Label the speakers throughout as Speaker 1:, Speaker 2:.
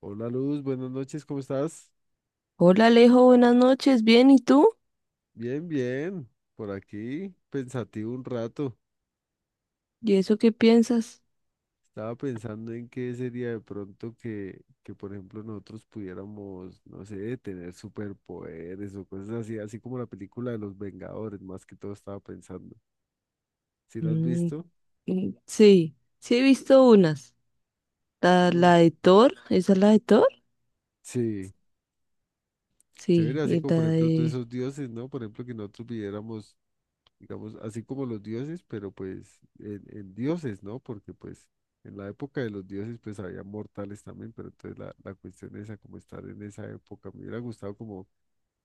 Speaker 1: Hola Luz, buenas noches, ¿cómo estás?
Speaker 2: Hola Alejo, buenas noches. Bien, ¿y tú?
Speaker 1: Bien, bien, por aquí, pensativo un rato.
Speaker 2: ¿Y eso qué piensas?
Speaker 1: Estaba pensando en qué sería de pronto que, por ejemplo, nosotros pudiéramos, no sé, tener superpoderes o cosas así, así como la película de los Vengadores, más que todo estaba pensando. ¿Sí la has
Speaker 2: Mm,
Speaker 1: visto?
Speaker 2: sí, sí he visto unas. La
Speaker 1: Sí.
Speaker 2: de Thor, ¿esa es la de Thor?
Speaker 1: Sí, chévere,
Speaker 2: Sí,
Speaker 1: así
Speaker 2: y
Speaker 1: como
Speaker 2: la
Speaker 1: por ejemplo todos
Speaker 2: de...
Speaker 1: esos dioses, ¿no? Por ejemplo, que nosotros pudiéramos digamos, así como los dioses, pero pues en dioses, ¿no? Porque pues en la época de los dioses pues había mortales también, pero entonces la cuestión esa como estar en esa época, me hubiera gustado como,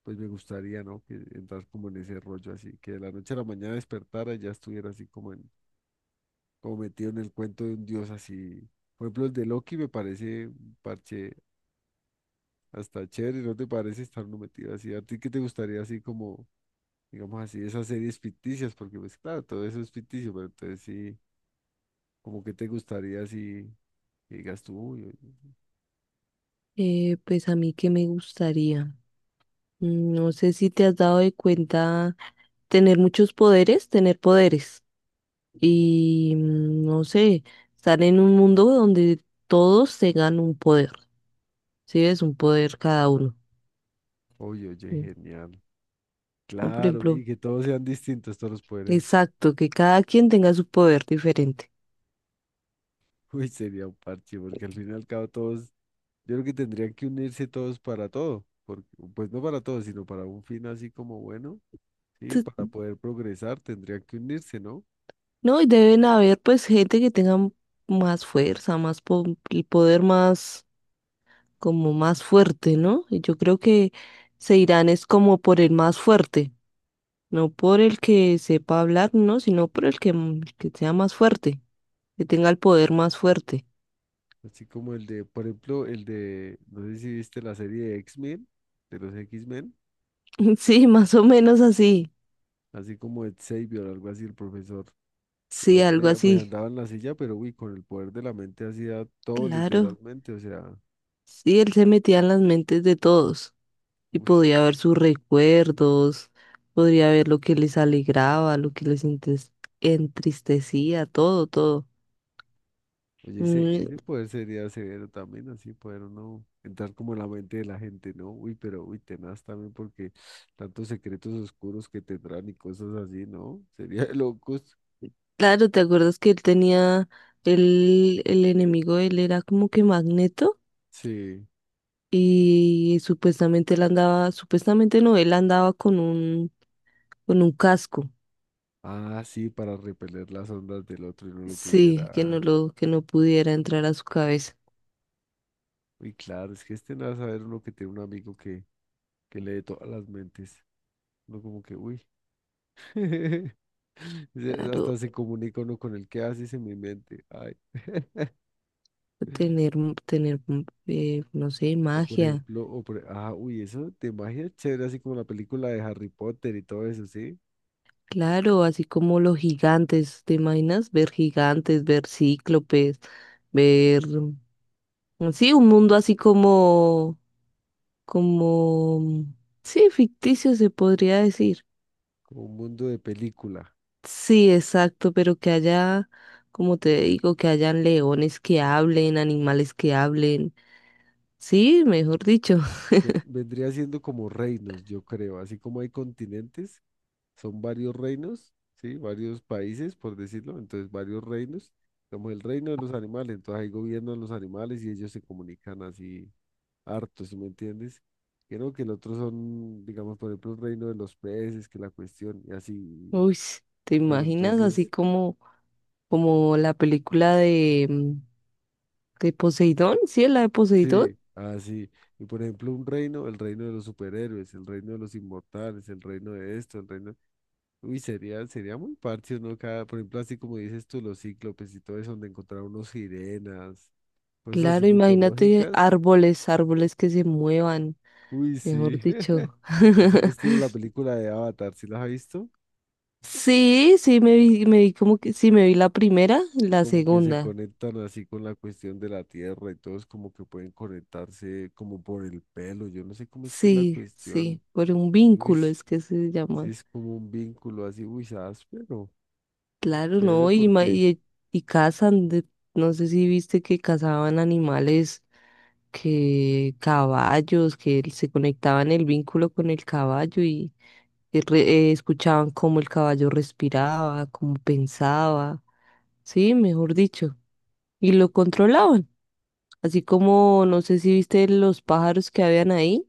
Speaker 1: pues me gustaría, ¿no? Que entrar como en ese rollo así, que de la noche a la mañana despertara y ya estuviera así como metido en el cuento de un dios así. Por ejemplo, el de Loki me parece un parche hasta chévere, ¿no te parece estar uno metido así? ¿A ti qué te gustaría así como digamos así, esas series ficticias, porque pues claro, todo eso es ficticio, pero entonces sí, como que te gustaría si que digas tú, uy, oye,
Speaker 2: pues a mí que me gustaría. No sé si te has dado de cuenta tener muchos poderes, tener poderes. Y no sé, estar en un mundo donde todos tengan un poder. Sí, es un poder cada uno.
Speaker 1: oye,
Speaker 2: Mm,
Speaker 1: genial.
Speaker 2: ¿no? Por
Speaker 1: Claro,
Speaker 2: ejemplo.
Speaker 1: y que todos sean distintos, todos los poderes.
Speaker 2: Exacto, que cada quien tenga su poder diferente.
Speaker 1: Uy, sería un parche, porque al fin y al cabo todos, yo creo que tendrían que unirse todos para todo, porque, pues no para todo, sino para un fin así como bueno, sí, para
Speaker 2: Tu-
Speaker 1: poder progresar tendrían que unirse, ¿no?
Speaker 2: No, y deben haber pues gente que tenga más fuerza, el poder más como más fuerte, ¿no? Y yo creo que se irán es como por el más fuerte, no por el que sepa hablar, no, sino por el que, el que sea más fuerte, que tenga el poder más fuerte.
Speaker 1: Así como el de, por ejemplo, el de, no sé si viste la serie de X-Men, de los X-Men.
Speaker 2: Sí, más o menos así.
Speaker 1: Así como Ed Xavier, algo así, el profesor. El
Speaker 2: Sí, algo
Speaker 1: hombre pues
Speaker 2: así.
Speaker 1: andaba en la silla, pero uy, con el poder de la mente hacía todo
Speaker 2: Claro.
Speaker 1: literalmente, o sea,
Speaker 2: Sí, él se metía en las mentes de todos y
Speaker 1: uy,
Speaker 2: podía ver sus recuerdos, podría ver lo que les alegraba, lo que les entristecía, todo, todo.
Speaker 1: oye, ese,
Speaker 2: Mm,
Speaker 1: ese poder sería severo también, así poder uno entrar como en la mente de la gente, ¿no? Uy, pero uy, tenaz también porque tantos secretos oscuros que tendrán y cosas así, ¿no? Sería de locos.
Speaker 2: claro, ¿te acuerdas que él tenía, el enemigo, él era como que Magneto
Speaker 1: Sí.
Speaker 2: y supuestamente él andaba, supuestamente no, él andaba con un casco,
Speaker 1: Ah, sí, para repeler las ondas del otro y no lo
Speaker 2: sí, que
Speaker 1: pudiera.
Speaker 2: no lo, que no pudiera entrar a su cabeza.
Speaker 1: Uy, claro, es que es tenaz saber uno que tiene un amigo que lee todas las mentes. Uno como que, uy. Se-
Speaker 2: Claro,
Speaker 1: Hasta se comunica uno con el que hace y se me mente. Ay.
Speaker 2: tener, no sé,
Speaker 1: O por
Speaker 2: magia.
Speaker 1: ejemplo, ah, uy, eso de magia es chévere, así como la película de Harry Potter y todo eso, ¿sí?
Speaker 2: Claro, así como los gigantes, ¿te imaginas ver gigantes, ver cíclopes, ver, sí, un mundo así como, como, sí, ficticio se podría decir.
Speaker 1: Como un mundo de película.
Speaker 2: Sí, exacto, pero que haya, como te digo, que hayan leones que hablen, animales que hablen, sí, mejor dicho.
Speaker 1: Vendría siendo como reinos, yo creo. Así como hay continentes, son varios reinos, ¿sí? Varios países, por decirlo. Entonces, varios reinos. Como el reino de los animales. Entonces, ahí gobiernan los animales y ellos se comunican así harto, ¿si me entiendes? Creo que el otro son, digamos, por ejemplo, el reino de los peces, que la cuestión, y así.
Speaker 2: Uy, ¿te
Speaker 1: Pero
Speaker 2: imaginas así
Speaker 1: entonces,
Speaker 2: como, como la película de, de Poseidón? Sí, la de Poseidón.
Speaker 1: sí, así. Y por ejemplo, un reino, el reino de los superhéroes, el reino de los inmortales, el reino de esto, el reino. Uy, sería muy parche, ¿no? Cada, por ejemplo, así como dices tú, los cíclopes y todo eso, donde encontrar unos sirenas, cosas así
Speaker 2: Claro, imagínate
Speaker 1: mitológicas.
Speaker 2: árboles, árboles que se muevan,
Speaker 1: Uy,
Speaker 2: mejor
Speaker 1: sí.
Speaker 2: dicho.
Speaker 1: Así al estilo de la película de Avatar, ¿sí las has visto?
Speaker 2: Sí, sí, me vi como que, sí, me vi la primera,
Speaker 1: Que
Speaker 2: la
Speaker 1: como que se
Speaker 2: segunda.
Speaker 1: conectan así con la cuestión de la tierra y todos como que pueden conectarse como por el pelo. Yo no sé cómo es que es la
Speaker 2: Sí,
Speaker 1: cuestión.
Speaker 2: sí, por un
Speaker 1: Uy,
Speaker 2: vínculo es que se
Speaker 1: sí
Speaker 2: llama.
Speaker 1: es como un vínculo así, uy, áspero.
Speaker 2: Claro,
Speaker 1: Chévere
Speaker 2: no, y, ma-
Speaker 1: porque,
Speaker 2: y, y cazan, no sé si viste que cazaban animales, que caballos, que se conectaban el vínculo con el caballo y, y re- escuchaban cómo el caballo respiraba, cómo pensaba. Sí, mejor dicho. Y lo controlaban. Así como, no sé si viste los pájaros que habían ahí,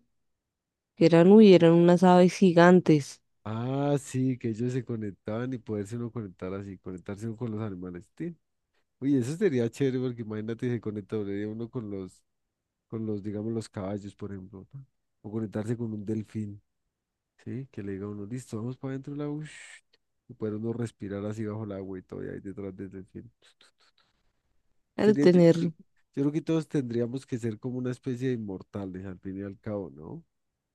Speaker 2: que eran, uy, eran unas aves gigantes.
Speaker 1: ah, sí, que ellos se conectaban y poderse uno conectar así, conectarse uno con los animales. Sí. Uy, eso sería chévere porque imagínate se conecta uno con los, digamos, los caballos, por ejemplo, o conectarse con un delfín. Sí, que le diga a uno, listo, vamos para adentro del agua. Ush, y poder uno respirar así bajo el agua y todo, y ahí detrás del delfín.
Speaker 2: Al
Speaker 1: Sería, yo,
Speaker 2: tener...
Speaker 1: yo creo que todos tendríamos que ser como una especie de inmortales, al fin y al cabo, ¿no?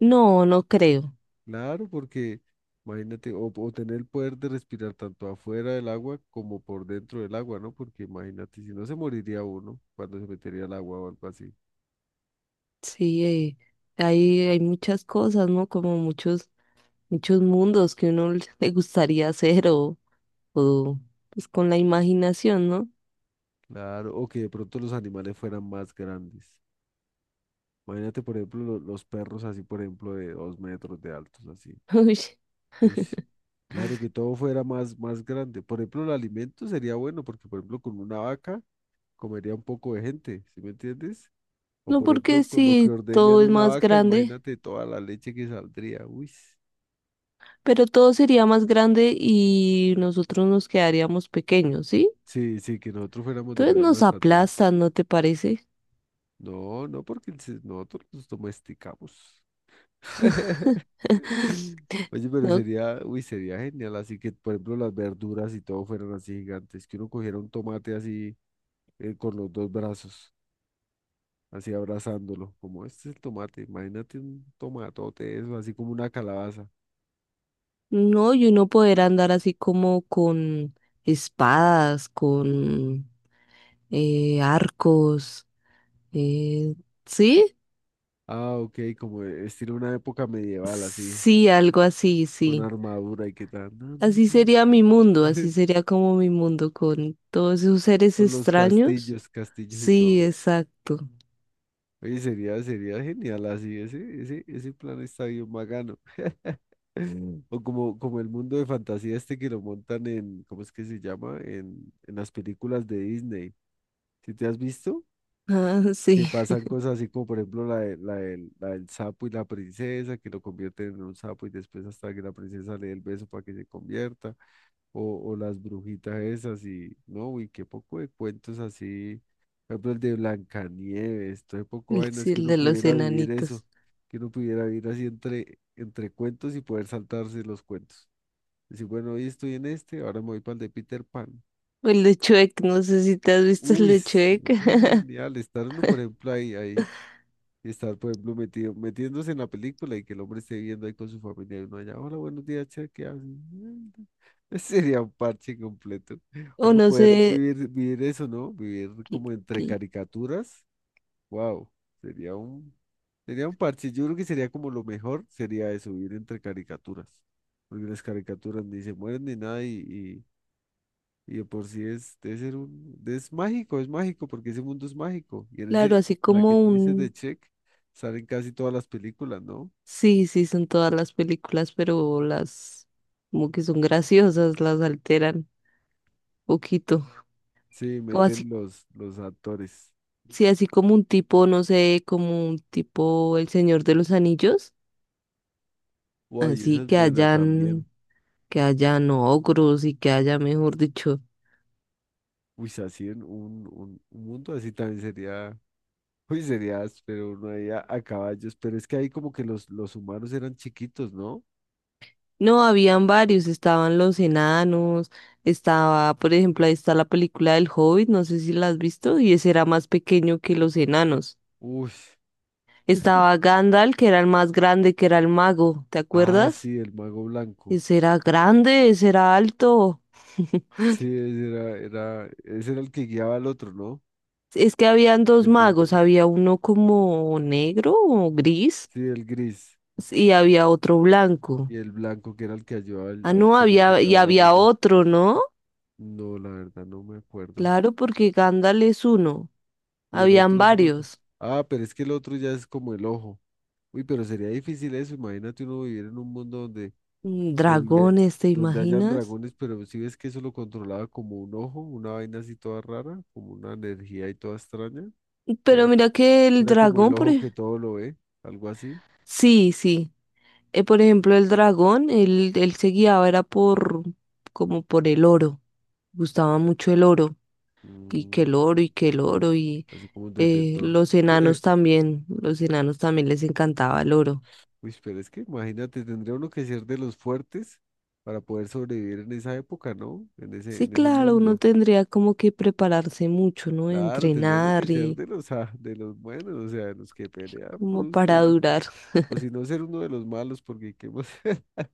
Speaker 2: No, no creo.
Speaker 1: Claro, porque imagínate, o tener el poder de respirar tanto afuera del agua como por dentro del agua, ¿no? Porque imagínate, si no se moriría uno cuando se metería al agua o algo así.
Speaker 2: Sí, hay muchas cosas, ¿no? Como muchos, muchos mundos que uno le gustaría hacer o pues con la imaginación, ¿no?
Speaker 1: Claro, o que de pronto los animales fueran más grandes. Imagínate, por ejemplo, los perros así, por ejemplo, de 2 metros de altos, así.
Speaker 2: Uy.
Speaker 1: Uy, claro, que todo fuera más, más grande. Por ejemplo, el alimento sería bueno, porque por ejemplo, con una vaca comería un poco de gente, ¿sí me entiendes? O
Speaker 2: No
Speaker 1: por ejemplo,
Speaker 2: porque
Speaker 1: con lo que
Speaker 2: sí,
Speaker 1: ordeñan
Speaker 2: todo es
Speaker 1: una
Speaker 2: más
Speaker 1: vaca,
Speaker 2: grande,
Speaker 1: imagínate toda la leche que saldría. Uy,
Speaker 2: pero todo sería más grande y nosotros nos quedaríamos pequeños, ¿sí?
Speaker 1: sí, sí, que nosotros fuéramos de la
Speaker 2: Entonces
Speaker 1: misma
Speaker 2: nos
Speaker 1: estatura.
Speaker 2: aplastan, ¿no te parece?
Speaker 1: No, no, porque nosotros nos domesticamos. Oye, pero
Speaker 2: No,
Speaker 1: sería, uy, sería genial. Así que, por ejemplo, las verduras y todo fueran así gigantes, que uno cogiera un tomate así con los dos brazos. Así abrazándolo, como este es el tomate, imagínate un tomatote, eso, así como una calabaza.
Speaker 2: no, y uno poder andar así como con espadas, con arcos, eh, ¿sí?
Speaker 1: Ah, ok, como e, estilo una época medieval, así,
Speaker 2: Sí, algo así,
Speaker 1: con
Speaker 2: sí.
Speaker 1: armadura y qué tal, no, no,
Speaker 2: Así
Speaker 1: no.
Speaker 2: sería mi mundo, así sería como mi mundo con todos esos seres
Speaker 1: Con los
Speaker 2: extraños.
Speaker 1: castillos, castillos y todo.
Speaker 2: Sí, exacto.
Speaker 1: Oye, sería, sería genial así, ese plan está bien bacano. O como, como el mundo de fantasía este que lo montan en, ¿cómo es que se llama? En las películas de Disney. ¿Si te has visto?
Speaker 2: Ah,
Speaker 1: Que pasan cosas así como por ejemplo la del sapo y la princesa, que lo convierten en un sapo y después hasta que la princesa le dé el beso para que se convierta, o las brujitas esas y no, uy, qué poco de cuentos así, por ejemplo el de Blancanieves, todo poco vainas
Speaker 2: sí,
Speaker 1: que
Speaker 2: el
Speaker 1: uno
Speaker 2: de los
Speaker 1: pudiera vivir eso,
Speaker 2: enanitos.
Speaker 1: que uno pudiera vivir así entre cuentos y poder saltarse los cuentos. Decir, bueno, hoy estoy en este, ahora me voy para el de Peter Pan.
Speaker 2: O el de Shrek, no sé si te has visto el
Speaker 1: Uy,
Speaker 2: de
Speaker 1: ese
Speaker 2: Shrek.
Speaker 1: es genial, estar uno, por ejemplo, ahí, ahí. Y estar, por ejemplo, metido, metiéndose en la película y que el hombre esté viendo ahí con su familia y uno allá, hola, buenos días, che, ¿qué hacen? Sería un parche completo.
Speaker 2: O
Speaker 1: Uno
Speaker 2: no
Speaker 1: poder
Speaker 2: sé,
Speaker 1: vivir, vivir eso, ¿no? Vivir
Speaker 2: Cl-
Speaker 1: como entre
Speaker 2: cl-
Speaker 1: caricaturas. Wow, sería un, sería un parche. Yo creo que sería como lo mejor, sería eso, vivir entre caricaturas. Porque las caricaturas ni se mueren ni nada y de por sí es, debe ser es mágico, porque ese mundo es mágico. Y en
Speaker 2: claro,
Speaker 1: ese,
Speaker 2: así
Speaker 1: en la que
Speaker 2: como
Speaker 1: tú dices de
Speaker 2: un...
Speaker 1: Check, salen casi todas las películas, ¿no?
Speaker 2: Sí, sí, son todas las películas, pero las como que son graciosas, las alteran poquito.
Speaker 1: Sí,
Speaker 2: O así,
Speaker 1: meten los actores.
Speaker 2: sí, así como un tipo, no sé, como un tipo El Señor de los Anillos,
Speaker 1: Uy,
Speaker 2: así
Speaker 1: esa es buena también.
Speaker 2: que hayan ogros y que haya, mejor dicho.
Speaker 1: Uy, así en un mundo así también sería, uy, sería pero uno ahí a caballos. Pero es que ahí como que los humanos eran chiquitos, ¿no?
Speaker 2: No, habían varios, estaban los enanos, estaba, por ejemplo, ahí está la película del Hobbit, no sé si la has visto, y ese era más pequeño que los enanos.
Speaker 1: Uy.
Speaker 2: Estaba Gandalf, que era el más grande, que era el mago, ¿te
Speaker 1: Ah,
Speaker 2: acuerdas?
Speaker 1: sí, el mago blanco.
Speaker 2: Ese era grande, ese era alto.
Speaker 1: Sí, ese era, era, ese era el que guiaba al otro, ¿no?
Speaker 2: Es que habían dos magos,
Speaker 1: El-
Speaker 2: había uno como negro o gris
Speaker 1: Sí, el gris.
Speaker 2: y había otro blanco.
Speaker 1: Y el blanco que era el que ayudaba al,
Speaker 2: Ah,
Speaker 1: al
Speaker 2: no,
Speaker 1: chino que
Speaker 2: había y
Speaker 1: llevaba el
Speaker 2: había
Speaker 1: anillo.
Speaker 2: otro, ¿no?
Speaker 1: No, la verdad no me acuerdo.
Speaker 2: Claro, porque Gandalf es uno.
Speaker 1: Y el
Speaker 2: Habían
Speaker 1: otro es el otro.
Speaker 2: varios.
Speaker 1: Ah, pero es que el otro ya es como el ojo. Uy, pero sería difícil eso. Imagínate uno vivir en un mundo donde
Speaker 2: Mm.
Speaker 1: gobier-
Speaker 2: Dragones, ¿te
Speaker 1: donde hayan
Speaker 2: imaginas?
Speaker 1: dragones, pero si ves que eso lo controlaba como un ojo, una vaina así toda rara, como una energía y toda extraña, que
Speaker 2: Pero
Speaker 1: era,
Speaker 2: mira que el
Speaker 1: era como el
Speaker 2: dragón.
Speaker 1: ojo que todo lo ve, algo así.
Speaker 2: Sí, sí. Por ejemplo, el dragón, él se guiaba, era por, como por el oro, gustaba mucho el oro, y que
Speaker 1: Mm,
Speaker 2: el oro, y que el oro, y
Speaker 1: así como un detector.
Speaker 2: los enanos también les encantaba el oro.
Speaker 1: Uy, pero es que imagínate, tendría uno que ser de los fuertes para poder sobrevivir en esa época, ¿no?
Speaker 2: Sí,
Speaker 1: En ese
Speaker 2: claro, uno
Speaker 1: mundo.
Speaker 2: tendría como que prepararse mucho, ¿no?
Speaker 1: Claro, tendría uno que
Speaker 2: Entrenar
Speaker 1: ser
Speaker 2: y
Speaker 1: de los, ah, de los buenos, o sea, de los que pelean
Speaker 2: como
Speaker 1: brusco.
Speaker 2: para durar.
Speaker 1: O si no, ser uno de los malos, porque ¿qué más?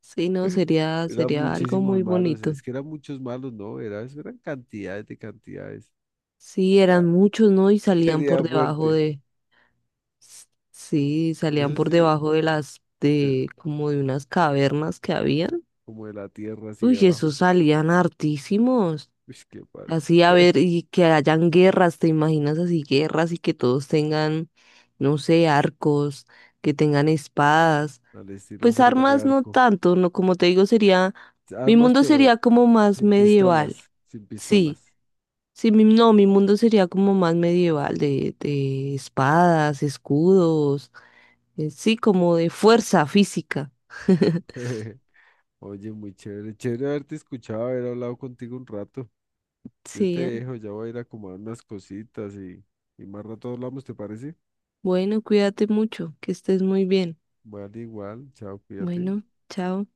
Speaker 2: Sí, no, sería,
Speaker 1: Eran
Speaker 2: sería algo
Speaker 1: muchísimos
Speaker 2: muy
Speaker 1: malos.
Speaker 2: bonito.
Speaker 1: Es que eran muchos malos, ¿no? Era, eso eran cantidades de cantidades.
Speaker 2: Sí,
Speaker 1: Era,
Speaker 2: eran muchos, ¿no? Y salían por
Speaker 1: sería
Speaker 2: debajo
Speaker 1: fuerte.
Speaker 2: de. Sí, salían
Speaker 1: Eso
Speaker 2: por
Speaker 1: sí,
Speaker 2: debajo de las,
Speaker 1: de-
Speaker 2: de como de unas cavernas que habían.
Speaker 1: como de la tierra así
Speaker 2: Uy,
Speaker 1: abajo.
Speaker 2: esos salían hartísimos.
Speaker 1: Uy, qué parche.
Speaker 2: Así a ver, y que hayan guerras, ¿te imaginas así guerras y que todos tengan, no sé, arcos, que tengan espadas?
Speaker 1: Al estilo
Speaker 2: Pues
Speaker 1: Juana de
Speaker 2: armas no
Speaker 1: Arco.
Speaker 2: tanto, no, como te digo, sería, mi
Speaker 1: Armas,
Speaker 2: mundo
Speaker 1: pero.
Speaker 2: sería como más
Speaker 1: Sin
Speaker 2: medieval.
Speaker 1: pistolas, sin
Speaker 2: Sí,
Speaker 1: pistolas.
Speaker 2: sí, mi, no, mi mundo sería como más medieval, de, espadas, escudos sí, como de fuerza física.
Speaker 1: Oye, muy chévere. Chévere haberte escuchado, haber hablado contigo un rato. Yo te
Speaker 2: Sí.
Speaker 1: dejo, ya voy a ir a acomodar unas cositas y más rato hablamos, ¿te parece?
Speaker 2: Bueno, cuídate mucho, que estés muy bien.
Speaker 1: Vale, igual. Chao, cuídate.
Speaker 2: Bueno, chao.